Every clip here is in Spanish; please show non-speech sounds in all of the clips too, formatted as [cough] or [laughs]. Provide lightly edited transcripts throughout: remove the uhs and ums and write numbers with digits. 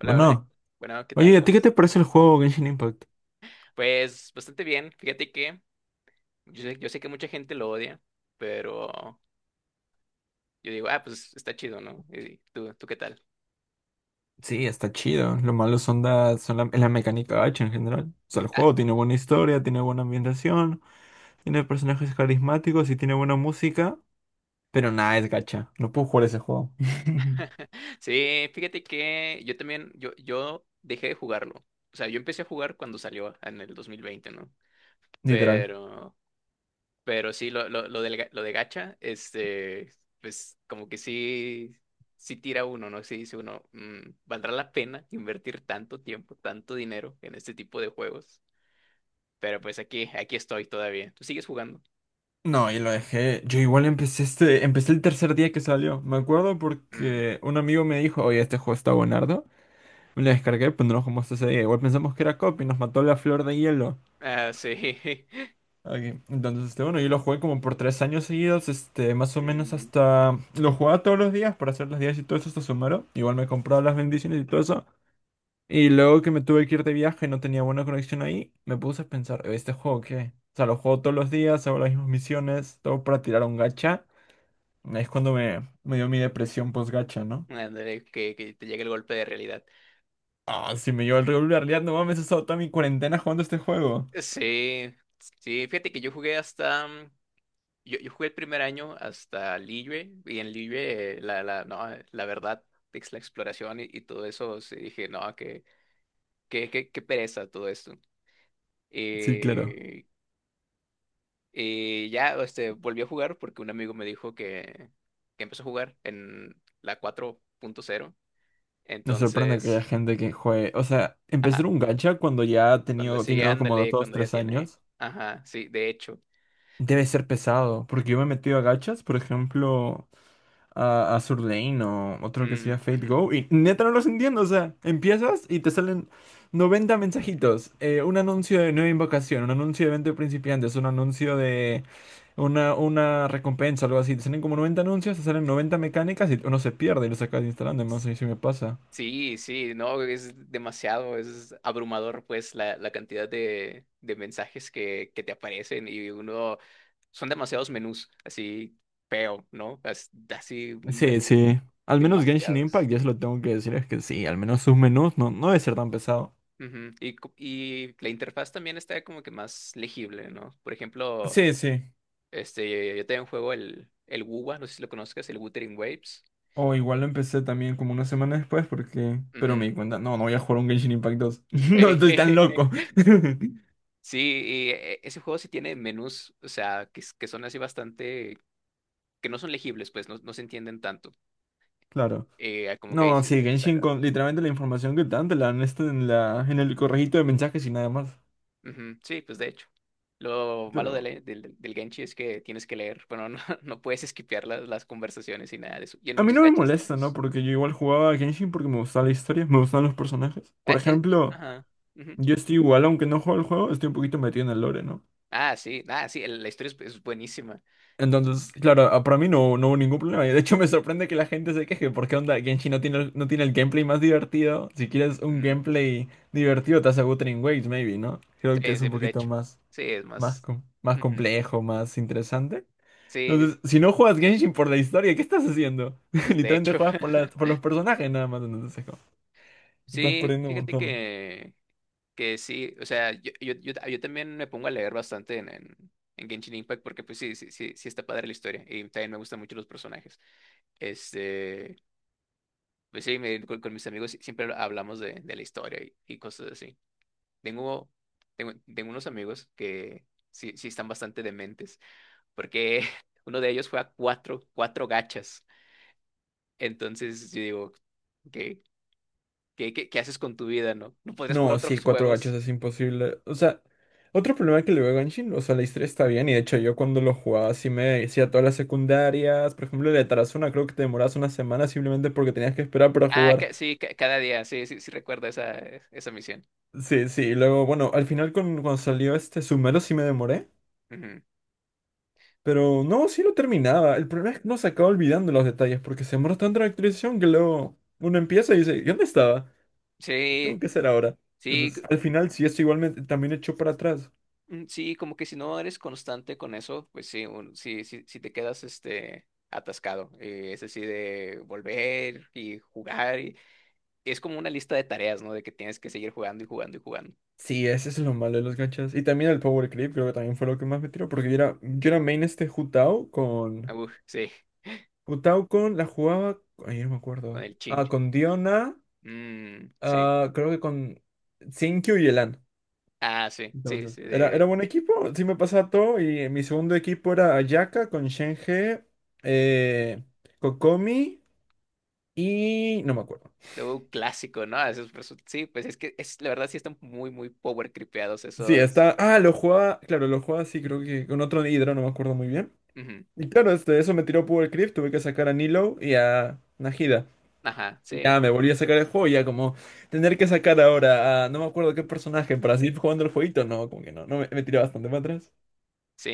Hola, hola. Bueno, Bueno, ¿qué oye, tal? ¿a ti ¿Cómo qué te estás? parece el juego Genshin Impact? Pues bastante bien. Fíjate que yo sé que mucha gente lo odia, pero yo digo, ah, pues está chido, ¿no? ¿Y tú qué tal? Sí, está chido. Lo malo son, es la mecánica gacha en general. O sea, el Ah, juego tiene buena historia, tiene buena ambientación, tiene personajes carismáticos y tiene buena música. Pero nada, es gacha. No puedo jugar ese juego. [laughs] [laughs] sí, fíjate que yo también, yo dejé de jugarlo. O sea, yo empecé a jugar cuando salió en el 2020, ¿no? Literal. Pero Pero sí, lo de gacha, pues como que sí, sí tira uno, ¿no? Sí dice uno, "Mm, ¿valdrá la pena invertir tanto tiempo, tanto dinero en este tipo de juegos?" Pero pues aquí estoy todavía. ¿Tú sigues jugando? No, y lo dejé. Yo igual empecé este, empecé el tercer día que salió. Me acuerdo Mm. porque un amigo me dijo, oye, este juego está buenardo. Me lo descargué, pero no lo jugamos ese día. Igual pensamos que era copy, nos mató la flor de hielo. Ah, sí. [laughs] Ok, entonces, este, bueno, yo lo jugué como por 3 años seguidos, este, más o menos Mm, hasta... Lo jugaba todos los días para hacer las 10 y todo eso hasta Sumero. Igual me compraba las bendiciones y todo eso. Y luego que me tuve que ir de viaje, no tenía buena conexión ahí, me puse a pensar, ¿este juego qué? O sea, lo juego todos los días, hago las mismas misiones, todo para tirar un gacha. Ahí es cuando me dio mi depresión post-gacha, ¿no? ándale, que te llegue el golpe de realidad. Ah, si me llevo el regular, ya no mames, he estado toda mi cuarentena jugando este juego. Sí, sí, fíjate que yo jugué hasta, yo jugué el primer año hasta Liyue, y en Liyue, no, la verdad, es la exploración y todo eso. Sí, dije, no, qué pereza todo esto. Sí, claro. Eh, ya volví a jugar porque un amigo me dijo que empezó a jugar en la 4.0. Me sorprende que haya Entonces, gente que juegue. O sea, ajá, empezar un gacha cuando ya ha cuando tenido, sí, tiene como ándale, dos, cuando ya tres tiene, años, ajá, sí, de hecho. debe ser pesado. Porque yo me he metido a gachas, por ejemplo, a Sur Lane o otro que sea Mm, Fate ujú. Go. Y neta no los entiendo. O sea, empiezas y te salen 90 mensajitos. Un anuncio de nueva invocación, un anuncio de evento de principiantes, un anuncio de una recompensa, algo así. Te salen como 90 anuncios, te salen 90 mecánicas y uno se pierde y lo sacas instalando. No sé si me pasa. Sí, sí, no, es demasiado, es abrumador, pues la cantidad de mensajes que te aparecen, y uno, son demasiados menús, así feo, ¿no? Así, un Sí, menú, sí. Al menos Genshin Impact, demasiados. ya se lo tengo que decir, es que sí, al menos sus menús no, no debe ser tan pesado. Ujú. Y la interfaz también está como que más legible, ¿no? Por ejemplo, Sí, sí. Yo tengo en juego el WUWA, no sé si lo conozcas, el Wuthering Waves. O igual lo empecé también como una semana después porque... Pero me Ujú. di cuenta, no, no voy a jugar un Genshin Impact 2. [laughs] No Sí. estoy tan loco. [laughs] [laughs] Sí, y ese juego sí tiene menús, o sea, que son así bastante, que no son legibles, pues no, no se entienden tanto. Claro. Como que ahí No, se, sí, se te Genshin saca. con literalmente la información que te dan te la dan esta en la, en el correjito de mensajes y nada más. Ujú. Sí, pues de hecho. Lo malo de Pero le- del, del Genshi es que tienes que leer, bueno, no, [laughs] no puedes esquipear las conversaciones y nada de eso. Y en a mí muchos no me gachas molesta, ¿no? nuevos. Porque yo igual jugaba a Genshin porque me gustaba la historia, me gustaban los personajes. Por eh, eh, ejemplo, ajá. Ujú. yo estoy igual, aunque no juego el juego, estoy un poquito metido en el lore, ¿no? Ah, sí, ah, sí, el- la historia es buenísima. Entonces, claro, para mí no, no hubo ningún problema. Y de hecho [laughs] me sorprende que la gente se queje, porque onda, Genshin no tiene, no tiene el gameplay más divertido. Si quieres un Mm, gameplay divertido, te hace Wuthering Waves, maybe, ¿no? Creo que sí, es sí, un de poquito hecho. más, Sí, es más, más. Más Ujú. complejo, más interesante. Sí, Entonces, si no juegas Genshin por la historia, ¿qué estás haciendo? [laughs] pues de Literalmente hecho. juegas por, por [laughs] los personajes nada más, entonces es como, te estás Sí, perdiendo un fíjate montón. que sí, o sea, yo también me pongo a leer bastante en Genshin Impact porque pues sí, sí, sí, sí está padre la historia y también me gustan mucho los personajes. Este, pues sí, con mis amigos siempre hablamos de la historia y cosas así. Tengo, tengo unos amigos que sí, sí están bastante dementes porque [laughs] uno de ellos juega cuatro gachas. Entonces yo digo, ¿qué, qué haces con tu vida, no? ¿No podrías jugar No, sí, otros cuatro gachos juegos? es imposible. O sea, otro problema que le veo a Genshin, o sea, la historia está bien, y de hecho yo cuando lo jugaba sí me decía todas las secundarias, por ejemplo, el de Tarazona creo que te demorabas una semana simplemente porque tenías que esperar para Ah, jugar. Sí, cada día, sí, sí, sí recuerdo esa, esa misión. Sí, sí, y luego, bueno, al final cuando salió este Sumero sí me demoré, Ujú. pero no, sí lo terminaba. El problema es que uno se acaba olvidando los detalles porque se demora tanto en la actualización que luego uno empieza y dice, ¿y dónde estaba? ¿Qué tengo Sí, que hacer ahora? sí, Entonces, al final sí, esto igualmente también echó para atrás. Sí, como que si no eres constante con eso, pues sí, sí, sí, sí te quedas atascado. Es así de volver y jugar. Y es como una lista de tareas, ¿no? De que tienes que seguir jugando y jugando y jugando. Sí, ese es lo malo de los gachas. Y también el Power Creep, creo que también fue lo que más me tiró, porque yo era main este Ah, uf, sí, Jutao con... La jugaba... Ay, no me con acuerdo. el Ah, chincho. con Diona, Mm, sí. ah, creo que con Sinkyu y Elan. Ah, sí, sí, Entonces, sí, era de, buen equipo, sí me pasaba todo, y mi segundo equipo era Ayaka con Shenhe, eh, Kokomi y... no me acuerdo. de un clásico, ¿no? Esos sí, pues es que es, la verdad sí están muy, muy power creepeados Sí, está... esos. Ah, lo jugaba, claro, lo jugaba sí, creo que con otro hidro, no me acuerdo muy bien. Ujú. Y claro, este, eso me tiró Powercrypt, tuve que sacar a Nilo y a Najida. Ajá, Y sí. ya me volví a sacar el juego, ya como tener que sacar ahora a no me acuerdo qué personaje para seguir jugando el jueguito, no, como que no, no me tiró bastante para atrás. Sí,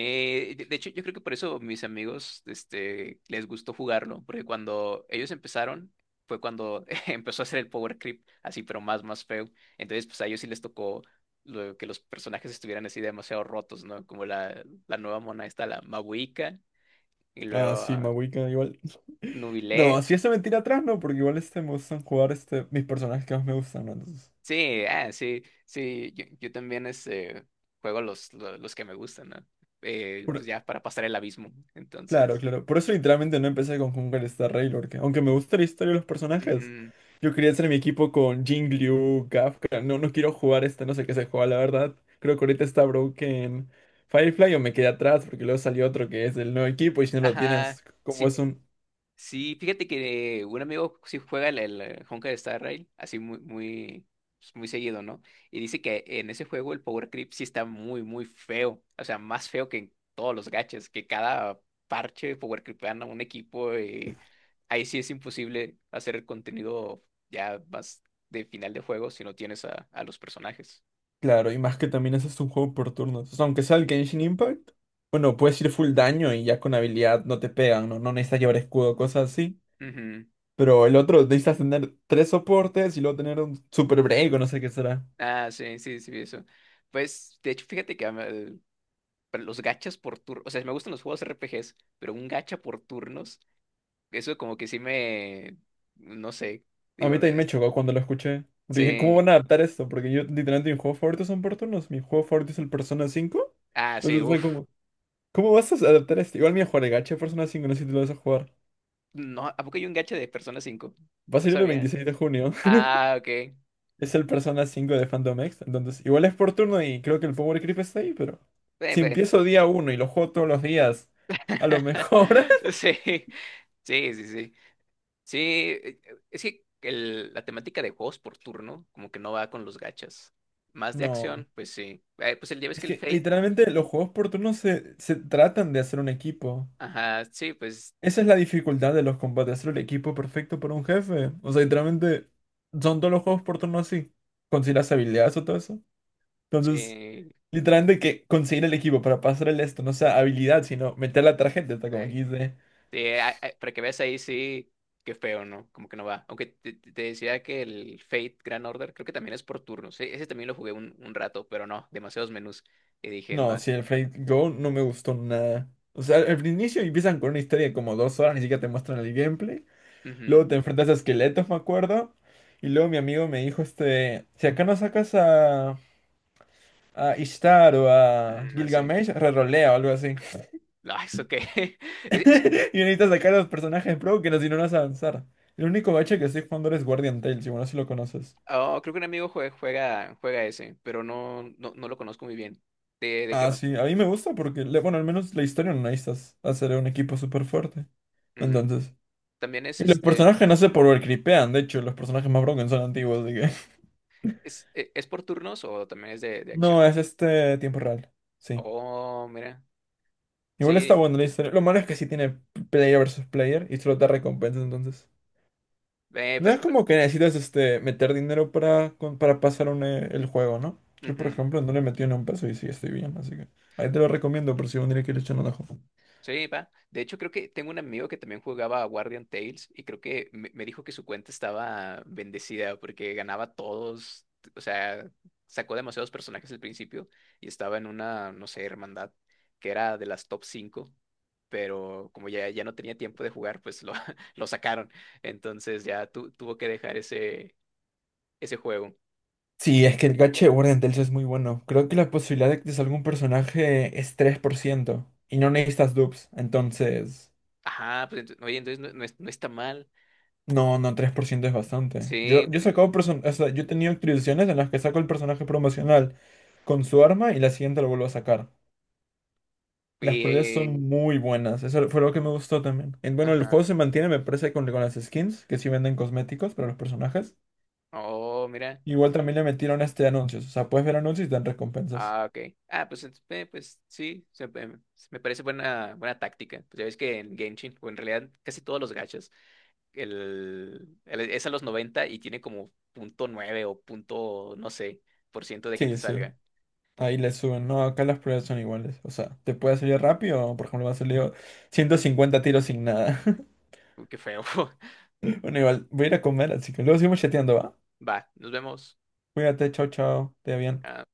de hecho yo creo que por eso mis amigos les gustó jugarlo, porque cuando ellos empezaron fue cuando [laughs] empezó a hacer el power creep, así pero más, más feo. Entonces pues a ellos sí les tocó lo que los personajes estuvieran así demasiado rotos, ¿no? Como la nueva mona esta, la Mabuika, y luego Ah, sí, ah, Mahuika igual. No, Nubilet. si eso me tira atrás, no, porque igual este me gustan jugar este, mis personajes que más me gustan, ¿no? Entonces, Sí, ah, sí, sí, yo también juego los que me gustan, ¿no? Pues ya para pasar el abismo, claro, entonces... claro. Por eso literalmente no empecé con Hungar Star Rail, porque aunque me gusta la historia de los personajes, Ujú. yo quería hacer mi equipo con Jing Liu, Kafka. No, no quiero jugar este, no sé qué se juega, la verdad. Creo que ahorita está Broken Firefly o me quedé atrás porque luego salió otro que es el nuevo equipo y si no lo Ajá. tienes, como Sí, es un... sí, fíjate que un amigo sí juega el Honkai Star Rail, así muy, muy, pues, muy seguido, ¿no? Y dice que en ese juego el Power Creep sí está muy, muy feo. O sea, más feo que en todos los gachas, que cada parche Power Creepan a un equipo y ahí sí es imposible hacer el contenido ya más de final de juego si no tienes a los personajes. Claro, y más que también ese es un juego por turnos. O sea, aunque sea el Genshin Impact, bueno, puedes ir full daño y ya con habilidad no te pegan, no, no necesitas llevar escudo, cosas así. Ujú. Pero el otro necesitas tener tres soportes y luego tener un super break o no sé qué será. Ah, sí, sí, sí, vi eso. Pues, de hecho, fíjate que pero los gachas por turnos, o sea, me gustan los juegos R P RPGs, pero un gacha por turnos, eso como que sí me, no sé, A digo, mí también me chocó cuando lo escuché. Porque dije, ¿cómo sí, van a adaptar esto? Porque yo literalmente mis juegos favoritos son por turnos. Mi juego favorito es el Persona 5. ah, sí, Entonces fue uff, como, ¿cómo vas a adaptar esto? Igual mi juego de gacha de Persona 5, no sé si tú lo vas a jugar. no, ¿a poco hay un gacha de Persona 5? Va a No salir el sabía. 26 de junio. [laughs] Ah, ok. Es el Persona 5 de Phantom X. Entonces, igual es por turno y creo que el Power Creep está ahí, pero si pe- empiezo día uno y lo juego todos los días, a lo [laughs] mejor. [laughs] Sí, sí, sí, sí. Sí, eh, es que la temática de juegos por turno como que no va con los gachas. Más de No. acción, pues sí. Pues el día ves Es que el que Fate, literalmente los juegos por turno se tratan de hacer un equipo. ajá, sí, pues Esa es la dificultad de los combates, hacer el equipo perfecto para un jefe. O sea, literalmente son todos los juegos por turno así. Conseguir las habilidades o todo eso. Entonces, sí. literalmente que conseguir el equipo para pasar el esto, no sea habilidad, sino meter la tarjeta, está como aquí dice. Sí, para que veas ahí, sí, qué feo, ¿no? Como que no va. Aunque te, te decía que el Fate Grand Order creo que también es por turnos. Ese también lo jugué un rato, pero no, demasiados menús. Y dije, no, No, si el Fate Go no me gustó nada. O sea, al inicio empiezan con una historia de como 2 horas, ni siquiera te muestran el gameplay. ujú, Luego te enfrentas a esqueletos, me acuerdo. Y luego mi amigo me dijo, este, si acá no sacas a Ishtar o a mm, no sé. Gilgamesh, rerolea o algo así. No, ¿eso qué? [laughs] Es- es- [laughs] Y necesitas sacar a los personajes pro que no, si no, no vas a avanzar. El único bache que estoy jugando ahora es Guardian Tales, y bueno, si lo conoces. oh, creo que un amigo juega, ese, pero no, no, no lo conozco muy bien. ¿De qué Ah, va? sí, a mí me gusta porque, bueno, al menos la historia no necesitas hacer un equipo súper fuerte. Mm, Entonces. ¿también es Y los este, personajes no se creepean, de hecho, los personajes más broken son antiguos, así que. [laughs] es, e- es por turnos o también es de acción? No, es este tiempo real. Sí. Oh, mira. Igual está Sí, bueno la historia. Lo malo es que sí tiene player versus player y solo te recompensa entonces. ve, No pero, es pero- como que necesitas este, meter dinero para, para pasar un, el juego, ¿no? Yo, por Ujú. ejemplo, no le metí ni un peso y sí estoy bien, así que ahí te lo recomiendo por si un día quieres echar un ojo. Sí, va. De hecho, creo que tengo un amigo que también jugaba a Guardian Tales y creo que me dijo que su cuenta estaba bendecida porque ganaba todos, o sea, sacó demasiados personajes al principio y estaba en una, no sé, hermandad que era de las top 5. Pero como ya, ya no tenía tiempo de jugar, pues lo, [laughs] lo sacaron. Entonces ya tuvo que dejar ese juego. Sí, es que el gacha de Warden Tales es muy bueno. Creo que la posibilidad de que te salga un personaje es 3% y no necesitas dupes, entonces... Ajá, pues oye, entonces no, no no está mal. No, no, 3% es bastante. Sí, Yo he sacado o sea, yo he tenido actualizaciones en las que saco el personaje promocional con su arma y la siguiente lo vuelvo a sacar. Las y, peleas son muy buenas. Eso fue lo que me gustó también. Bueno, el ajá. juego se mantiene, me parece, con las skins, que sí venden cosméticos para los personajes. Oh, mira. Igual también le metieron este anuncios. O sea, puedes ver anuncios y te dan recompensas. Ah, ok. Ah, pues, pues sí, me parece buena, buena táctica. Pues ya ves que en Genshin, o en realidad casi todos los gachas, es a los 90 y tiene como punto nueve o punto, no sé, por ciento de que te Sí, sí. salga. Ahí le suben. No, acá las peleas son iguales. O sea, te puede salir rápido, o, por ejemplo, me ha salido 150 tiros sin nada. [laughs] Uy, qué feo. [laughs] Bueno, igual, voy a ir a comer, así que luego seguimos chateando, ¿va? Va, nos vemos. Cuídate, chao, chao. Te va bien. Ah,